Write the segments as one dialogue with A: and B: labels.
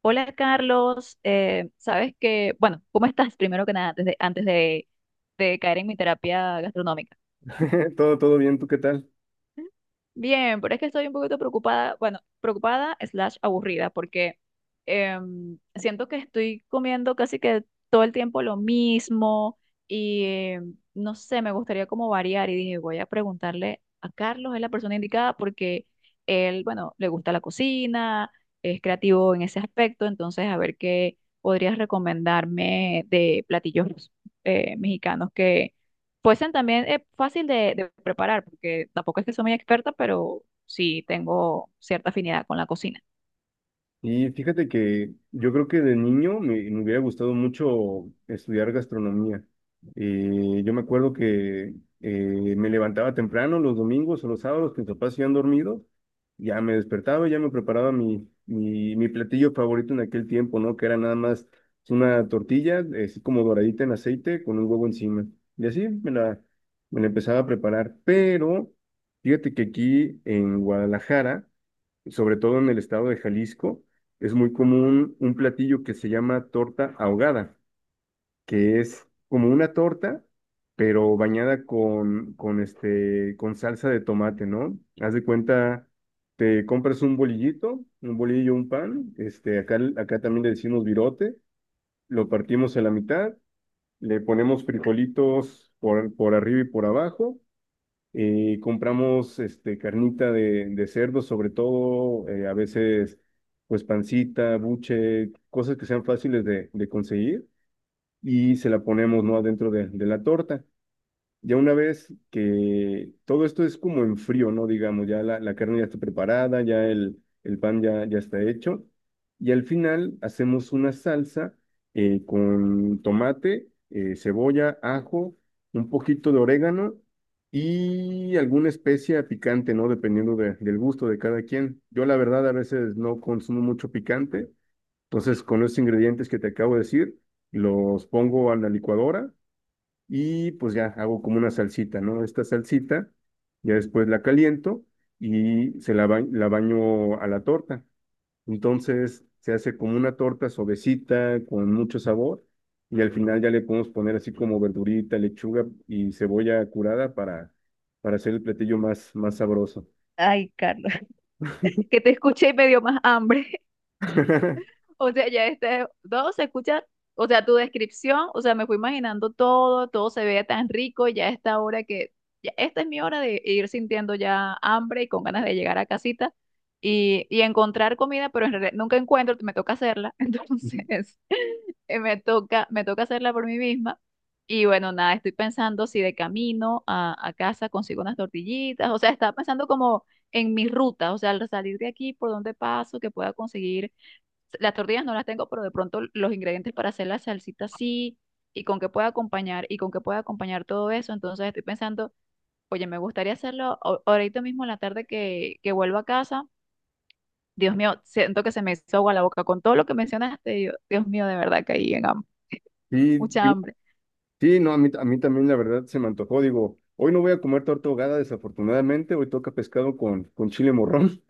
A: Hola, Carlos. Sabes que, bueno, ¿cómo estás primero que nada antes de, de caer en mi terapia gastronómica?
B: Todo bien, ¿tú qué tal?
A: Bien, pero es que estoy un poquito preocupada, bueno, preocupada slash aburrida, porque siento que estoy comiendo casi que todo el tiempo lo mismo, y no sé, me gustaría como variar, y dije, voy a preguntarle a Carlos, es la persona indicada porque él, bueno, le gusta la cocina, es creativo en ese aspecto. Entonces, a ver qué podrías recomendarme de platillos mexicanos. Poison también es fácil de preparar, porque tampoco es que soy muy experta, pero sí tengo cierta afinidad con la cocina.
B: Y fíjate que yo creo que de niño me hubiera gustado mucho estudiar gastronomía. Yo me acuerdo que me levantaba temprano los domingos o los sábados que mis papás se iban dormidos, ya me despertaba, y ya me preparaba mi platillo favorito en aquel tiempo, ¿no? Que era nada más una tortilla, así como doradita en aceite, con un huevo encima. Y así me la empezaba a preparar. Pero fíjate que aquí en Guadalajara, sobre todo en el estado de Jalisco, es muy común un platillo que se llama torta ahogada, que es como una torta, pero bañada este, con salsa de tomate, ¿no? Haz de cuenta, te compras un bolillito, un bolillo, un pan, este, acá, acá también le decimos virote, lo partimos a la mitad, le ponemos frijolitos por arriba y por abajo, y compramos este, carnita de cerdo, sobre todo, a veces, pues pancita, buche, cosas que sean fáciles de conseguir, y se la ponemos, ¿no? Adentro de la torta. Ya una vez que todo esto es como en frío, ¿no? Digamos, ya la carne ya está preparada, ya el pan ya, ya está hecho. Y al final hacemos una salsa con tomate, cebolla, ajo, un poquito de orégano y alguna especia picante, ¿no? Dependiendo de- del gusto de cada quien. Yo la verdad a veces no consumo mucho picante, entonces con los ingredientes que te acabo de decir, los pongo a la licuadora y pues ya hago como una salsita, ¿no? Esta salsita, ya después la caliento y se la, ba- la baño a la torta. Entonces se hace como una torta suavecita, con mucho sabor, y al final ya le podemos poner así como verdurita, lechuga y cebolla curada para hacer el platillo más sabroso.
A: Ay, Carlos. Que te escuché y me dio más hambre. O sea, ya este, todo se escucha, o sea, tu descripción, o sea, me fui imaginando todo, todo se veía tan rico. Y ya esta hora que, ya esta es mi hora de ir sintiendo ya hambre y con ganas de llegar a casita y encontrar comida, pero en realidad nunca encuentro, me toca hacerla. Entonces, me toca hacerla por mí misma. Y bueno, nada, estoy pensando si de camino a casa consigo unas tortillitas. O sea, estaba pensando como en mi ruta, o sea, al salir de aquí, por dónde paso, que pueda conseguir. Las tortillas no las tengo, pero de pronto los ingredientes para hacer la salsita sí, y con qué pueda acompañar, y con qué pueda acompañar todo eso. Entonces estoy pensando, oye, me gustaría hacerlo ahorita mismo en la tarde que vuelvo a casa. Dios mío, siento que se me hizo agua la boca con todo lo que mencionaste. Dios mío, de verdad caí en hambre,
B: Sí,
A: mucha
B: digo-
A: hambre.
B: sí, no, a mí también la verdad se me antojó, digo, hoy no voy a comer torta ahogada desafortunadamente, hoy toca pescado con chile morrón.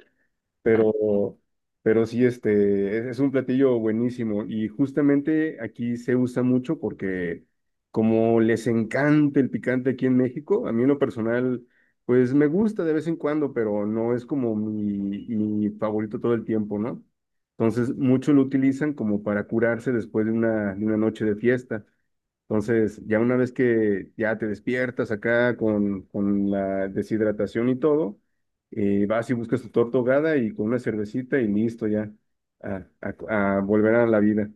B: pero, pero sí, este, es un platillo buenísimo y justamente aquí se usa mucho porque como les encanta el picante aquí en México, a mí en lo personal, pues me gusta de vez en cuando, pero no es como mi favorito todo el tiempo, ¿no? Entonces, muchos lo utilizan como para curarse después de una noche de fiesta. Entonces, ya una vez que ya te despiertas acá con la deshidratación y todo, vas y buscas tu torta ahogada y con una cervecita y listo ya a volver a la vida.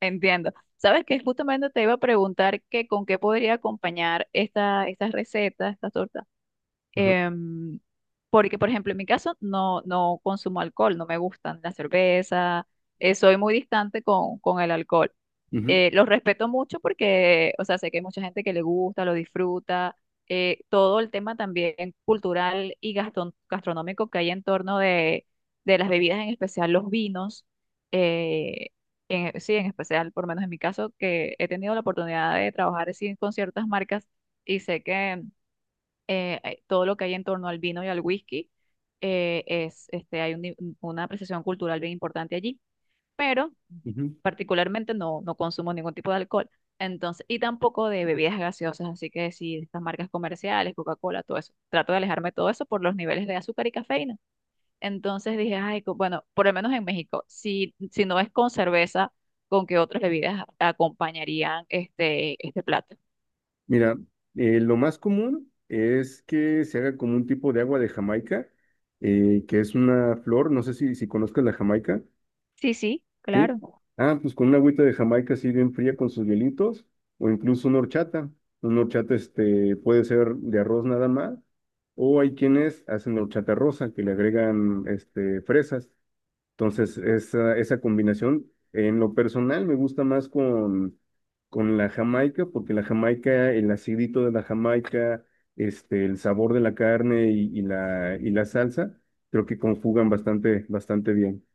A: Entiendo. Sabes que justamente te iba a preguntar que con qué podría acompañar estas recetas, estas tortas.
B: Ajá,
A: Em, Porque, por ejemplo, en mi caso no consumo alcohol, no me gustan la cerveza, soy muy distante con el alcohol.
B: ujú,
A: Los respeto mucho porque, o sea, sé que hay mucha gente que le gusta, lo disfruta. Todo el tema también cultural y gastronómico que hay en torno de las bebidas, en especial los vinos. eh, sí, en especial, por lo menos en mi caso, que he tenido la oportunidad de trabajar así con ciertas marcas, y sé que todo lo que hay en torno al vino y al whisky es, este, hay un ni- una apreciación cultural bien importante allí, pero
B: ujú.
A: particularmente no consumo ningún tipo de alcohol. Entonces, y tampoco de bebidas gaseosas, así que sí, estas marcas comerciales, Coca-Cola, todo eso. Trato de alejarme de todo eso por los niveles de azúcar y cafeína. Entonces dije, ay, bueno, por lo menos en México, si no es con cerveza, ¿con qué otras bebidas acompañarían este plato?
B: Mira, lo más común es que se haga como un tipo de agua de Jamaica, que es una flor, no sé si, si conozcas la Jamaica.
A: Sí, sí,
B: Sí.
A: claro.
B: Ah, pues con una agüita de Jamaica así bien fría con sus hielitos, o incluso una horchata. Una horchata este, puede ser de arroz nada más, o hay quienes hacen horchata rosa, que le agregan este, fresas. Entonces, esa combinación, en lo personal, me gusta más con la Jamaica, porque la Jamaica, el acidito de la Jamaica, este, el sabor de la carne y la salsa, creo que conjugan bastante, bastante bien.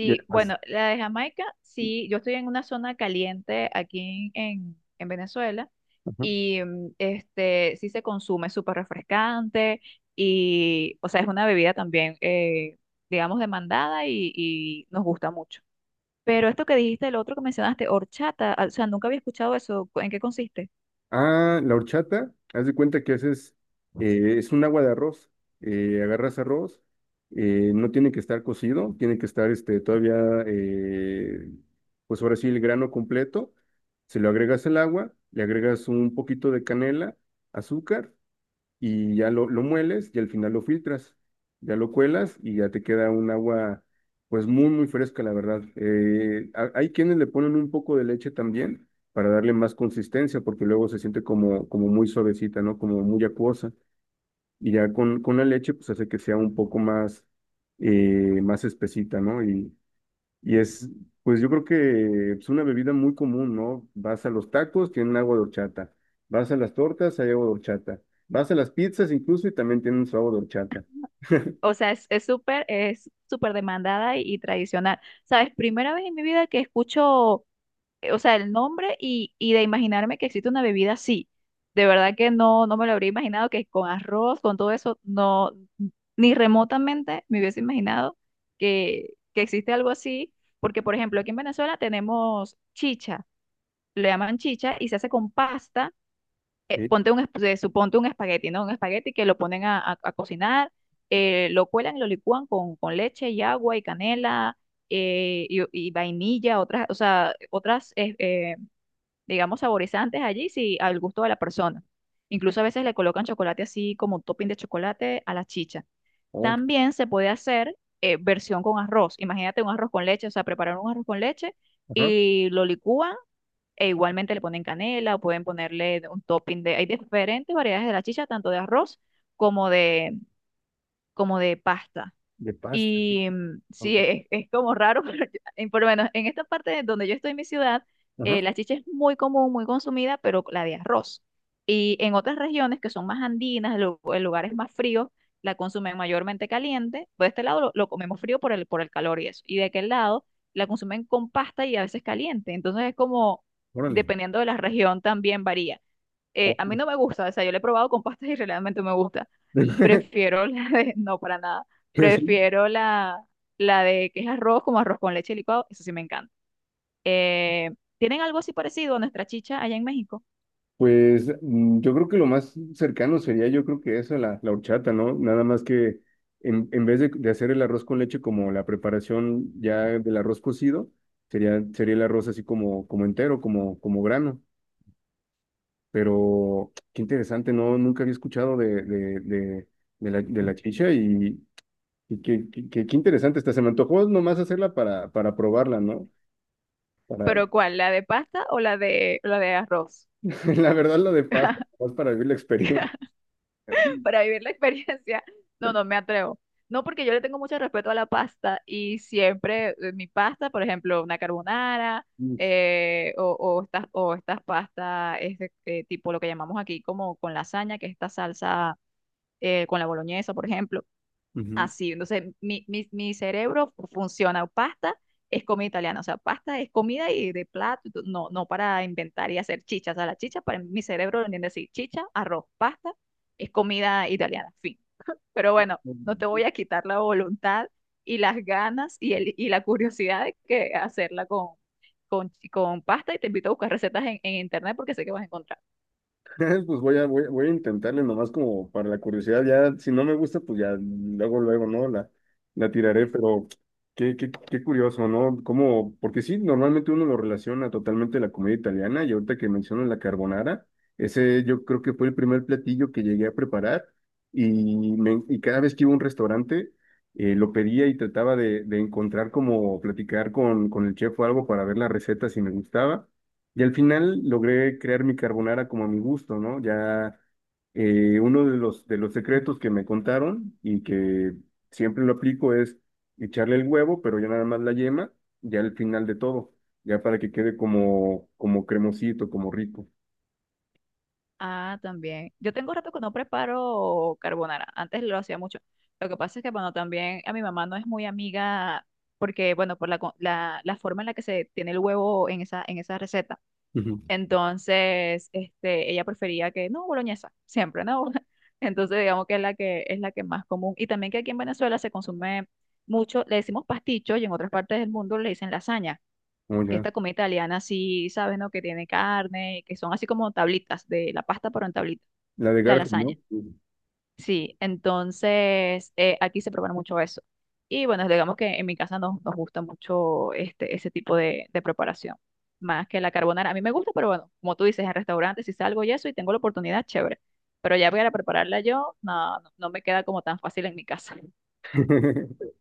B: Y además-
A: bueno, la de Jamaica, sí, yo estoy en una zona caliente aquí en Venezuela,
B: Ajá.
A: y este sí se consume súper refrescante, y, o sea, es una bebida también, digamos, demandada y nos gusta mucho. Pero esto que dijiste, el otro que mencionaste, horchata, ah, o sea, nunca había escuchado eso, ¿en qué consiste?
B: Ah, la horchata, haz de cuenta que haces, es un agua de arroz, agarras arroz, no tiene que estar cocido, tiene que estar este, todavía, eh, pues ahora sí, el grano completo, se lo agregas el agua, le agregas un poquito de canela, azúcar lo mueles y al final lo filtras, ya lo cuelas y ya te queda un agua pues muy muy fresca la verdad. Ha- hay quienes le ponen un poco de leche también para darle más consistencia porque luego se siente como, como muy suavecita, ¿no? Como muy acuosa y ya con la leche pues hace que sea un poco más, más espesita, ¿no? Y es, pues yo creo que es una bebida muy común, ¿no? Vas a los tacos, tienen agua de horchata. Vas a las tortas, hay agua de horchata. Vas a las pizzas incluso y también tienen su agua de horchata.
A: O sea, es súper demandada y tradicional. ¿Sabes? Primera vez en mi vida que escucho, o sea, el nombre, y de imaginarme que existe una bebida así. De verdad que no me lo habría imaginado, que con arroz, con todo eso, no, ni remotamente me hubiese imaginado que existe algo así. Porque, por ejemplo, aquí en Venezuela tenemos chicha, le llaman chicha y se hace con pasta. eh,
B: Sí.
A: ponte un, esp- eh, suponte un espagueti, ¿no? Un espagueti que lo ponen a cocinar, lo cuelan y lo licúan con leche y agua y canela, y vainilla, otras, o sea, otras, digamos, saborizantes allí, sí, al gusto de la persona. Incluso a veces le colocan chocolate así como un topping de chocolate a la chicha.
B: Ok.
A: También se puede hacer versión con arroz. Imagínate un arroz con leche, o sea, preparar un arroz con leche,
B: Ajá.
A: y lo licúan, e igualmente le ponen canela, o pueden ponerle un topping de. Hay diferentes variedades de la chicha, tanto de arroz como de, como de pasta.
B: De pasta. Sí.
A: Y
B: Ok.
A: sí, es como raro, pero por lo menos en esta parte donde yo estoy en mi ciudad,
B: Ajá.
A: la chicha es muy común, muy consumida, pero la de arroz. Y en otras regiones que son más andinas, en lugares más fríos, la consumen mayormente caliente. Por este lado lo comemos frío por el calor y eso. Y de aquel lado la consumen con pasta y a veces caliente. Entonces es como,
B: Órale.
A: dependiendo de la región, también varía. eh,
B: Oh.
A: a mí no me gusta, o sea, yo la he probado con pastas y realmente me gusta. Prefiero la de, no, para nada,
B: Es
A: prefiero la de que es arroz, como arroz con leche licuado. Eso sí me encanta. Eh, ¿Tienen algo así parecido a nuestra chicha allá en México?
B: pues mm, yo creo que lo más cercano sería, yo creo que eso, la horchata, ¿no? Nada más que en vez de hacer el arroz con leche como la preparación ya del arroz cocido, sería el arroz así como, como entero, como, como grano. Pero qué interesante, ¿no? Nunca había escuchado de la chicha y qué, qué, qué- qué interesante está. Se me antojó nomás hacerla para probarla, ¿no? Para,
A: ¿Pero cuál? ¿La de pasta o la de arroz?
B: la verdad, lo de pasta, más para vivir la experiencia.
A: Para vivir la experiencia, no, no me atrevo. No, porque yo le tengo mucho respeto a la pasta, y siempre mi pasta, por ejemplo, una carbonara, o estas pastas, este, tipo lo que llamamos aquí como con lasaña, que es esta salsa, con la boloñesa, por ejemplo
B: Ujú.
A: así. Entonces, mi cerebro funciona. Pasta es comida italiana, o sea, pasta es comida y de plato, y todo, no, no para inventar y hacer chichas. O sea, la chicha, para mi cerebro lo entiende así, chicha, arroz, pasta, es comida italiana, fin. Pero bueno, no te voy a quitar la voluntad y las ganas y la curiosidad de que hacerla con pasta, y te invito a buscar recetas en internet porque sé que vas a encontrar.
B: Pues voy a voy a intentarle nomás como para la curiosidad, ya si no me gusta, pues ya luego, luego, ¿no? La tiraré, pero qué, qué, qué curioso, ¿no? Como, porque sí, normalmente uno lo relaciona totalmente a la comida italiana y ahorita que mencionas la carbonara, ese yo creo que fue el primer platillo que llegué a preparar y cada vez que iba a un restaurante lo pedía y trataba de encontrar como platicar con el chef o algo para ver la receta si me gustaba. Y al final logré crear mi carbonara como a mi gusto, ¿no? Ya uno de los secretos que me contaron y que siempre lo aplico es echarle el huevo, pero ya nada más la yema, ya al final de todo, ya para que quede como, como cremosito, como rico.
A: Ah, también. Yo tengo rato que no preparo carbonara. Antes lo hacía mucho. Lo que pasa es que, bueno, también a mi mamá no es muy amiga porque, bueno, por la forma en la que se tiene el huevo en esa receta.
B: Ujú.
A: Entonces, este, ella prefería que, no, boloñesa, siempre, ¿no? Entonces, digamos que es la que más común. Y también que aquí en Venezuela se consume mucho, le decimos pasticho, y en otras partes del mundo le dicen lasaña.
B: Como
A: Que
B: ya,
A: esta comida italiana, sí, sabes, ¿no? Que tiene carne, que son así como tablitas de la pasta, pero en tablitas.
B: la de
A: La
B: Garfield,
A: lasaña,
B: ¿no?
A: sí. Entonces, aquí se prepara mucho eso. Y bueno, digamos que en mi casa nos gusta mucho este, ese tipo de preparación, más que la carbonara. A mí me gusta, pero bueno, como tú dices, en restaurantes, si salgo y eso y tengo la oportunidad, chévere. Pero ya para prepararla yo, no, no, no me queda como tan fácil en mi casa.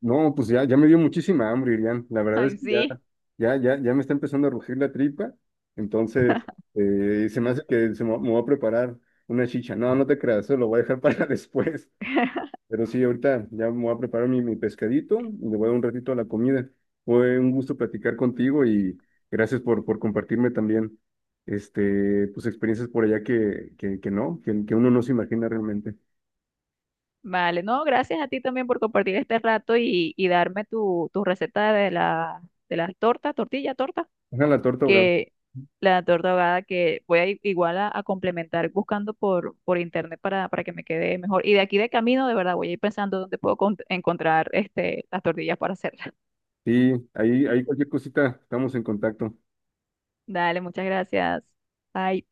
B: No, pues ya, ya me dio muchísima hambre, Irian. La verdad es
A: Ay,
B: que
A: sí.
B: ya me está empezando a rugir la tripa. Entonces, se me hace que me voy a preparar una chicha. No, no te creas, eso lo voy a dejar para después. Pero sí, ahorita ya me voy a preparar mi pescadito y le voy a dar un ratito a la comida. Fue un gusto platicar contigo y gracias por compartirme también este, pues experiencias por allá que no, que uno no se imagina realmente.
A: Vale, no, gracias a ti también por compartir este rato y darme tu receta de la torta, tortilla, torta.
B: Ojalá la torta ahogada.
A: Que la torta ahogada que voy a igual a complementar buscando por internet para que me quede mejor. Y de aquí de camino, de verdad, voy a ir pensando dónde puedo encontrar este, las tortillas para hacerlas.
B: Sí, ahí cualquier cosita, estamos en contacto.
A: Dale, muchas gracias. Bye.